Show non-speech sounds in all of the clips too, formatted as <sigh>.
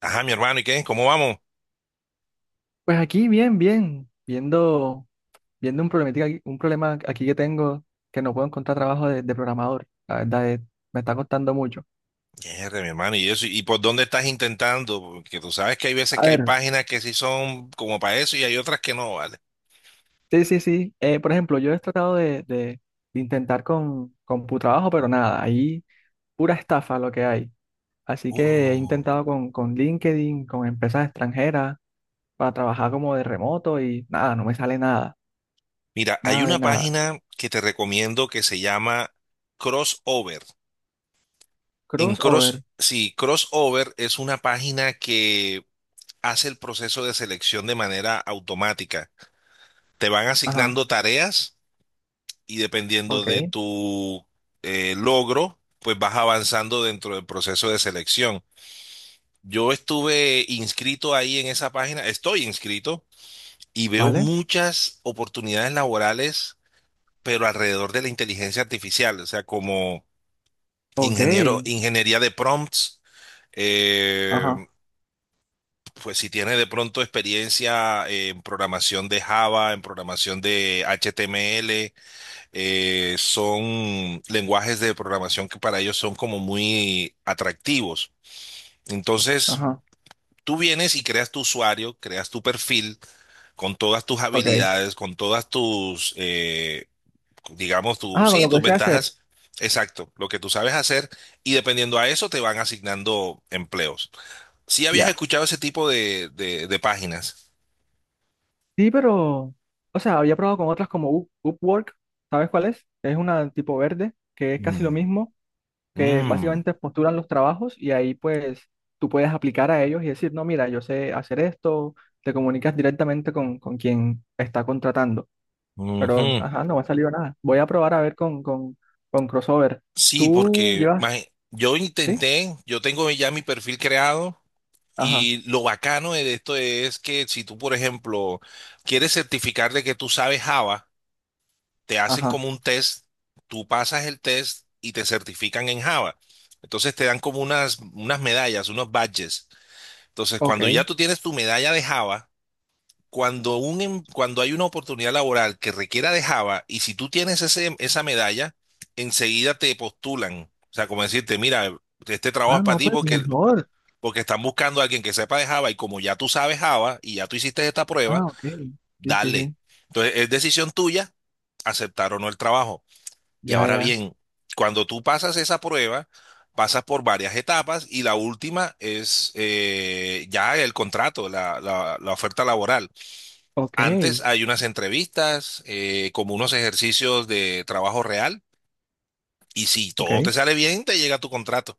Ajá, mi hermano, ¿y qué? ¿Cómo vamos? Pues aquí bien, bien, viendo, viendo un problemática, un problema aquí que tengo que no puedo encontrar trabajo de programador. La verdad es, me está costando mucho. Mierda, mi hermano, ¿y eso? ¿Y por dónde estás intentando? Porque tú sabes que hay veces A que hay ver, páginas que sí son como para eso y hay otras que no, ¿vale? sí, sí, sí. Por ejemplo, yo he tratado de intentar con trabajo, pero nada, ahí pura estafa lo que hay. Así que he Uh. intentado con LinkedIn, con empresas extranjeras, para trabajar como de remoto y nada, no me sale nada, Mira, hay nada de una nada. página que te recomiendo que se llama Crossover. En Cross, Crossover, sí, Crossover es una página que hace el proceso de selección de manera automática. Te van ajá, asignando tareas y dependiendo ok, de tu logro, pues vas avanzando dentro del proceso de selección. Yo estuve inscrito ahí en esa página, estoy inscrito y veo vale, muchas oportunidades laborales, pero alrededor de la inteligencia artificial, o sea, como ok, ingeniero, ingeniería de prompts, eh, ajá, pues si tienes de pronto experiencia en programación de Java, en programación de HTML, son lenguajes de programación que para ellos son como muy atractivos. Entonces, ajá, tú vienes y creas tu usuario, creas tu perfil con todas tus ok. habilidades, con todas tus, digamos, tus, Ah, con sí, lo tus que sé hacer. ventajas. Exacto, lo que tú sabes hacer y dependiendo a eso te van asignando empleos. ¿Si habías Ya. escuchado ese tipo de, de páginas? Sí, pero. O sea, había probado con otras como Upwork. ¿Sabes cuál es? Es una tipo verde, que es casi lo Mm, mismo, que mm, básicamente postulan los trabajos y ahí pues tú puedes aplicar a ellos y decir, no, mira, yo sé hacer esto, te comunicas directamente con quien está contratando. Pero, ujú. ajá, no me ha salido nada. Voy a probar a ver con Crossover. Sí, ¿Tú porque llevas? Yo ¿Sí? intenté, yo tengo ya mi perfil creado Ajá, y lo bacano de esto es que si tú, por ejemplo, quieres certificar de que tú sabes Java, te hacen ajá. como un test, tú pasas el test y te certifican en Java. Entonces te dan como unas, unas medallas, unos badges. Entonces, cuando ya Ok. tú tienes tu medalla de Java, cuando hay una oportunidad laboral que requiera de Java, y si tú tienes ese, esa medalla, enseguida te postulan. O sea, como decirte, mira, este trabajo es Ah, para no, ti pues porque, mejor. porque están buscando a alguien que sepa de Java y como ya tú sabes Java y ya tú hiciste esta prueba, Ah, ok. Sí, sí, dale. sí. Entonces, es decisión tuya aceptar o no el trabajo. Y Ya, ahora ya. bien, cuando tú pasas esa prueba, pasas por varias etapas y la última es ya el contrato, la, la oferta laboral. Ok, Antes hay unas entrevistas, como unos ejercicios de trabajo real y si ok. todo te sale bien, te llega tu contrato.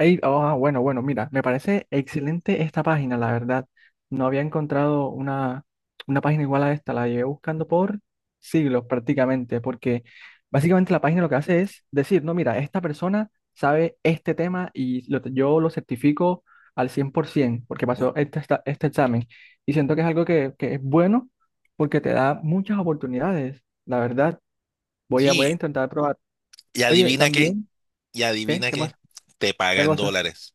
Ey, ah, bueno, bueno, mira, me parece excelente esta página, la verdad. No había encontrado una página igual a esta, la llevé buscando por siglos prácticamente, porque básicamente la página lo que hace es decir, no, mira, esta persona sabe este tema y yo lo certifico al 100% porque pasó este examen. Y siento que es algo que es bueno porque te da muchas oportunidades, la verdad. Voy a Sí, intentar probar. y Oye, adivina qué, también, y ¿qué? adivina ¿Qué qué, pasa? te ¿Qué pagan cosa? dólares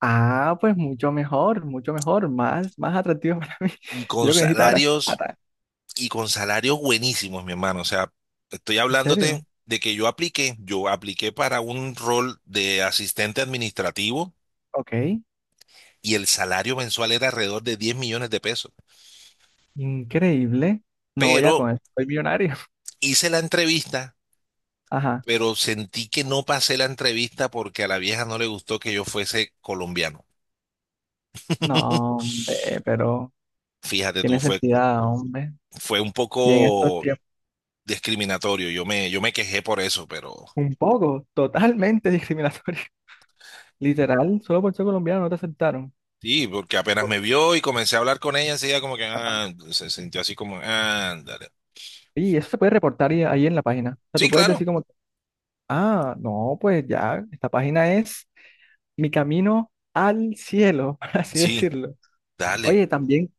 Ah, pues mucho mejor, más atractivo para mí. y <laughs> Yo con lo que necesito ahora es salarios plata. y con salarios buenísimos, mi hermano. O sea, estoy ¿En hablándote serio? de que yo apliqué para un rol de asistente administrativo Ok, y el salario mensual era alrededor de 10 millones de pesos. increíble. No voy a con Pero eso, soy millonario. <laughs> hice la entrevista, Ajá. pero sentí que no pasé la entrevista porque a la vieja no le gustó que yo fuese colombiano. No, hombre, pero Fíjate qué tú, fue, necesidad, hombre. fue un Y en estos poco tiempos, discriminatorio. Yo me quejé por eso, pero un poco, totalmente discriminatorio. <laughs> Literal, solo por ser colombiano no te aceptaron. sí, porque apenas me vio y comencé a hablar con ella, enseguida como que Ajá. ah, se sintió así como, ándale. Y eso se puede reportar ahí, ahí en la página. O sea, Sí, tú puedes claro. decir como, ah, no, pues ya, esta página es mi camino al cielo, <laughs> por así Sí, decirlo. dale. Oye, también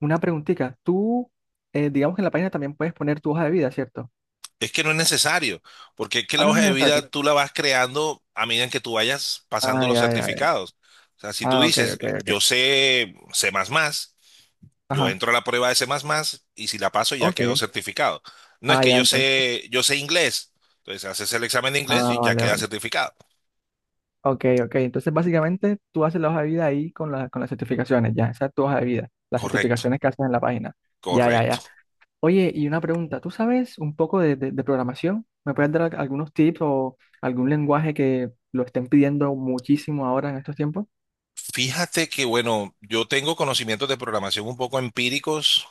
una preguntita. Tú, digamos que en la página también puedes poner tu hoja de vida, ¿cierto? Es que no es necesario, porque es que Ah, la no es hoja de necesario. vida tú la vas creando a medida en que tú vayas pasando Ah, los ya, ya, ya. certificados. O sea, si tú Ah, ok, dices, ok, ok. yo sé C++, yo Ajá, entro a la prueba de C++ y si la paso ya ok. quedo certificado. No es Ah, que ya, entonces. Yo sé inglés. Entonces haces el examen de inglés Ah, y ya vale, queda vale. certificado. Ok, ok. Entonces, básicamente, tú haces la hoja de vida ahí con, con las certificaciones, ya. Esa es tu hoja de vida. Las Correcto, certificaciones que haces en la página. Ya, ya, ya. correcto. Oye, y una pregunta. ¿Tú sabes un poco de programación? ¿Me puedes dar algunos tips o algún lenguaje que lo estén pidiendo muchísimo ahora en estos tiempos? Fíjate que, bueno, yo tengo conocimientos de programación un poco empíricos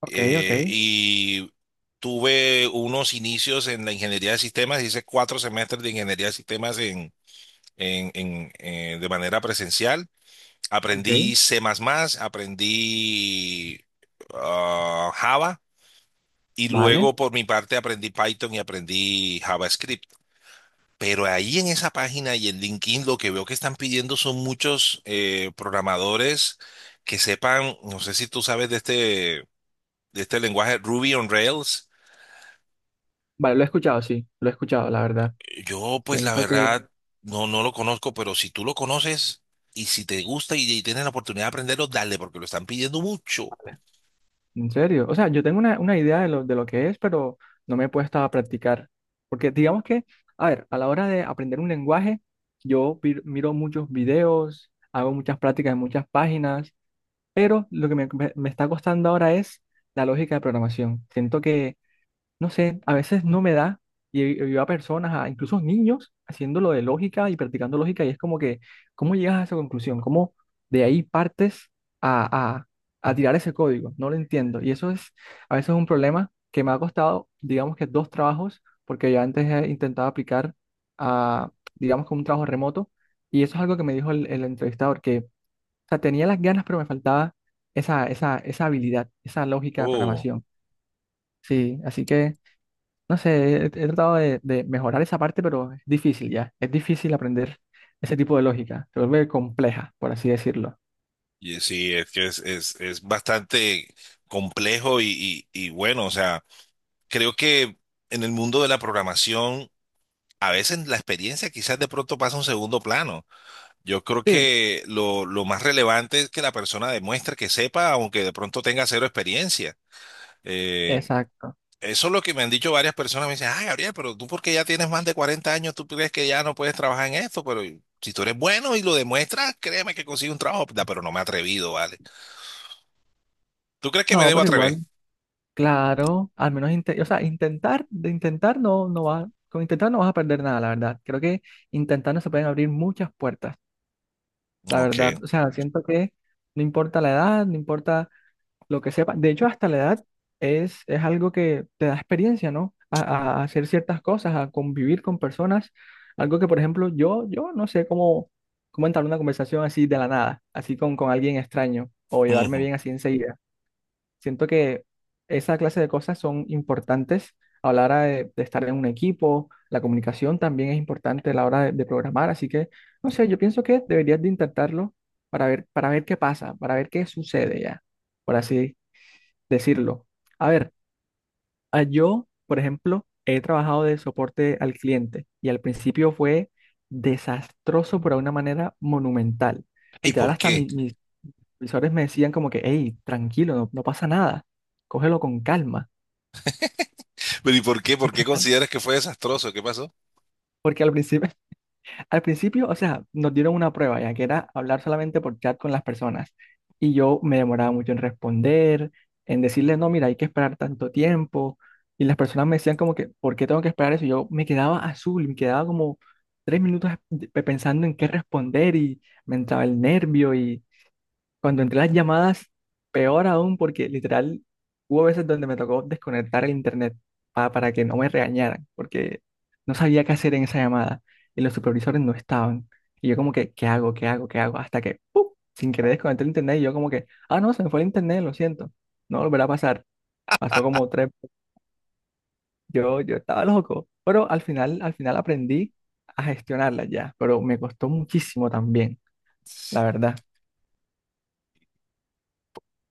Ok, ok, y tuve unos inicios en la ingeniería de sistemas, hice 4 semestres de ingeniería de sistemas en, de manera presencial. ok. Aprendí C++, aprendí Java y Vale. luego por mi parte aprendí Python y aprendí JavaScript. Pero ahí en esa página y en LinkedIn lo que veo que están pidiendo son muchos programadores que sepan, no sé si tú sabes de este lenguaje Ruby on Rails. Vale, lo he escuchado, sí, lo he escuchado, la verdad. Yo, pues la Siento que, verdad, no, no lo conozco, pero si tú lo conoces y si te gusta y tienes la oportunidad de aprenderlo, dale, porque lo están pidiendo mucho. vale, en serio, o sea, yo tengo una idea de lo que es, pero no me he puesto a practicar. Porque digamos que, a ver, a la hora de aprender un lenguaje, yo miro muchos videos, hago muchas prácticas en muchas páginas, pero lo que me está costando ahora es la lógica de programación. Siento no sé, a veces no me da y veo a personas, a incluso niños, haciéndolo de lógica y practicando lógica y es como que, ¿cómo llegas a esa conclusión? ¿Cómo de ahí partes a, a, a tirar ese código? No lo entiendo. Y eso es a veces un problema que me ha costado, digamos que dos trabajos, porque yo antes he intentado aplicar a, digamos que un trabajo remoto y eso es algo que me dijo el entrevistador, que, o sea, tenía las ganas, pero me faltaba esa habilidad, esa lógica de Oh, programación. Sí, así que no sé, he tratado de mejorar esa parte, pero es difícil ya. Es difícil aprender ese tipo de lógica. Se vuelve compleja, por así decirlo. y sí, es que es bastante complejo y bueno, o sea, creo que en el mundo de la programación. A veces la experiencia quizás de pronto pasa a un segundo plano. Yo creo Sí, que lo más relevante es que la persona demuestre que sepa, aunque de pronto tenga cero experiencia. Eh, exacto. eso es lo que me han dicho varias personas. Me dicen, ah, Gabriel, pero tú porque ya tienes más de 40 años, tú crees que ya no puedes trabajar en esto, pero si tú eres bueno y lo demuestras, créeme que consigo un trabajo. Da, pero no me he atrevido, ¿vale? ¿Tú crees que me No, debo pero atrever? igual, claro, al menos, o sea, intentar, de intentar no, no va, con intentar no vas a perder nada, la verdad. Creo que intentando se pueden abrir muchas puertas, la Ok. verdad. <laughs> O sea, siento que no importa la edad, no importa lo que sepa. De hecho, hasta la edad es algo que te da experiencia, ¿no? A hacer ciertas cosas, a convivir con personas. Algo que, por ejemplo, yo no sé cómo, cómo entablar una conversación así de la nada, así con alguien extraño o llevarme Ujú. bien así enseguida. Siento que esa clase de cosas son importantes a la hora de estar en un equipo. La comunicación también es importante a la hora de programar. Así que, no sé, yo pienso que deberías de intentarlo para ver qué pasa, para ver qué sucede ya, por así decirlo. A ver, yo, por ejemplo, he trabajado de soporte al cliente y al principio fue desastroso, por una manera monumental. ¿Y Literal, por hasta qué? Mis supervisores me decían como que, hey, tranquilo, no, no pasa nada, cógelo con calma. Pero, ¿y por qué? ¿Por qué <laughs> consideras que fue desastroso? ¿Qué pasó? Porque al principio, al principio, o sea, nos dieron una prueba, ya que era hablar solamente por chat con las personas. Y yo me demoraba mucho en responder, en decirles, no, mira, hay que esperar tanto tiempo. Y las personas me decían como que, ¿por qué tengo que esperar eso? Y yo me quedaba azul, me quedaba como tres minutos pensando en qué responder y me entraba el nervio y cuando entré las llamadas, peor aún, porque literal hubo veces donde me tocó desconectar el internet para que no me regañaran, porque no sabía qué hacer en esa llamada y los supervisores no estaban. Y yo como que, ¿qué hago? ¿Qué hago? ¿Qué hago? Hasta que, ¡pum! Sin querer desconecté el internet y yo como que, ah, no, se me fue el internet, lo siento, no volverá a pasar. Pasó como tres, yo estaba loco, pero al final aprendí a gestionarla ya, pero me costó muchísimo también, la Sí. verdad.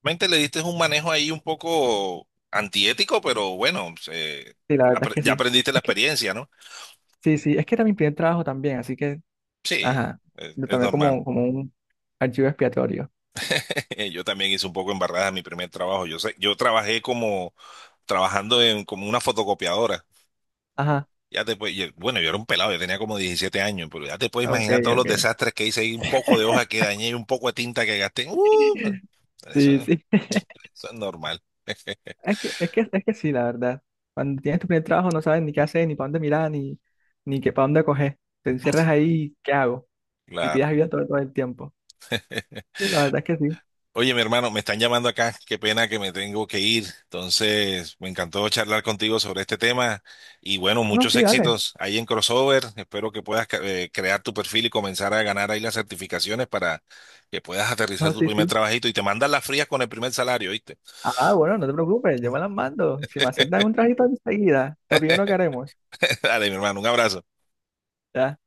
Realmente le diste un manejo ahí un poco antiético, pero bueno, Sí, la verdad es que ya sí. aprendiste la experiencia, ¿no? Sí, sí, es que era mi primer trabajo también, así que, Sí, ajá, lo es tomé normal. como, como un archivo expiatorio. <laughs> Yo también hice un poco embarrada en mi primer trabajo. Yo sé, yo trabajé como trabajando en como una fotocopiadora. Ajá, Bueno, yo era un pelado, yo tenía como 17 años, pero ya te puedes ok, imaginar todos los ok. desastres que hice y un poco de hoja que dañé y un poco de tinta que gasté. ¡Uh! eso, Sí, sí. <laughs> eso es normal. Es que sí, la verdad. Cuando tienes tu primer trabajo no sabes ni qué hacer, ni para dónde mirar, ni, ni qué para dónde coger. Te encierras ahí, ¿qué hago? Y pides Claro. ayuda todo, todo el tiempo. Sí, la verdad es que sí. Oye, mi hermano, me están llamando acá. Qué pena que me tengo que ir. Entonces, me encantó charlar contigo sobre este tema. Y bueno, Ah, no, muchos sí, dale. éxitos ahí en Crossover. Espero que puedas crear tu perfil y comenzar a ganar ahí las certificaciones para que puedas aterrizar No, tu sí, primer sí. trabajito y te mandas las frías con el primer salario, ¿viste? Ah, bueno, no te preocupes, yo me las mando. Si me aceptan un trajito enseguida, lo primero que haremos. <laughs> Dale, mi hermano, un abrazo. Ya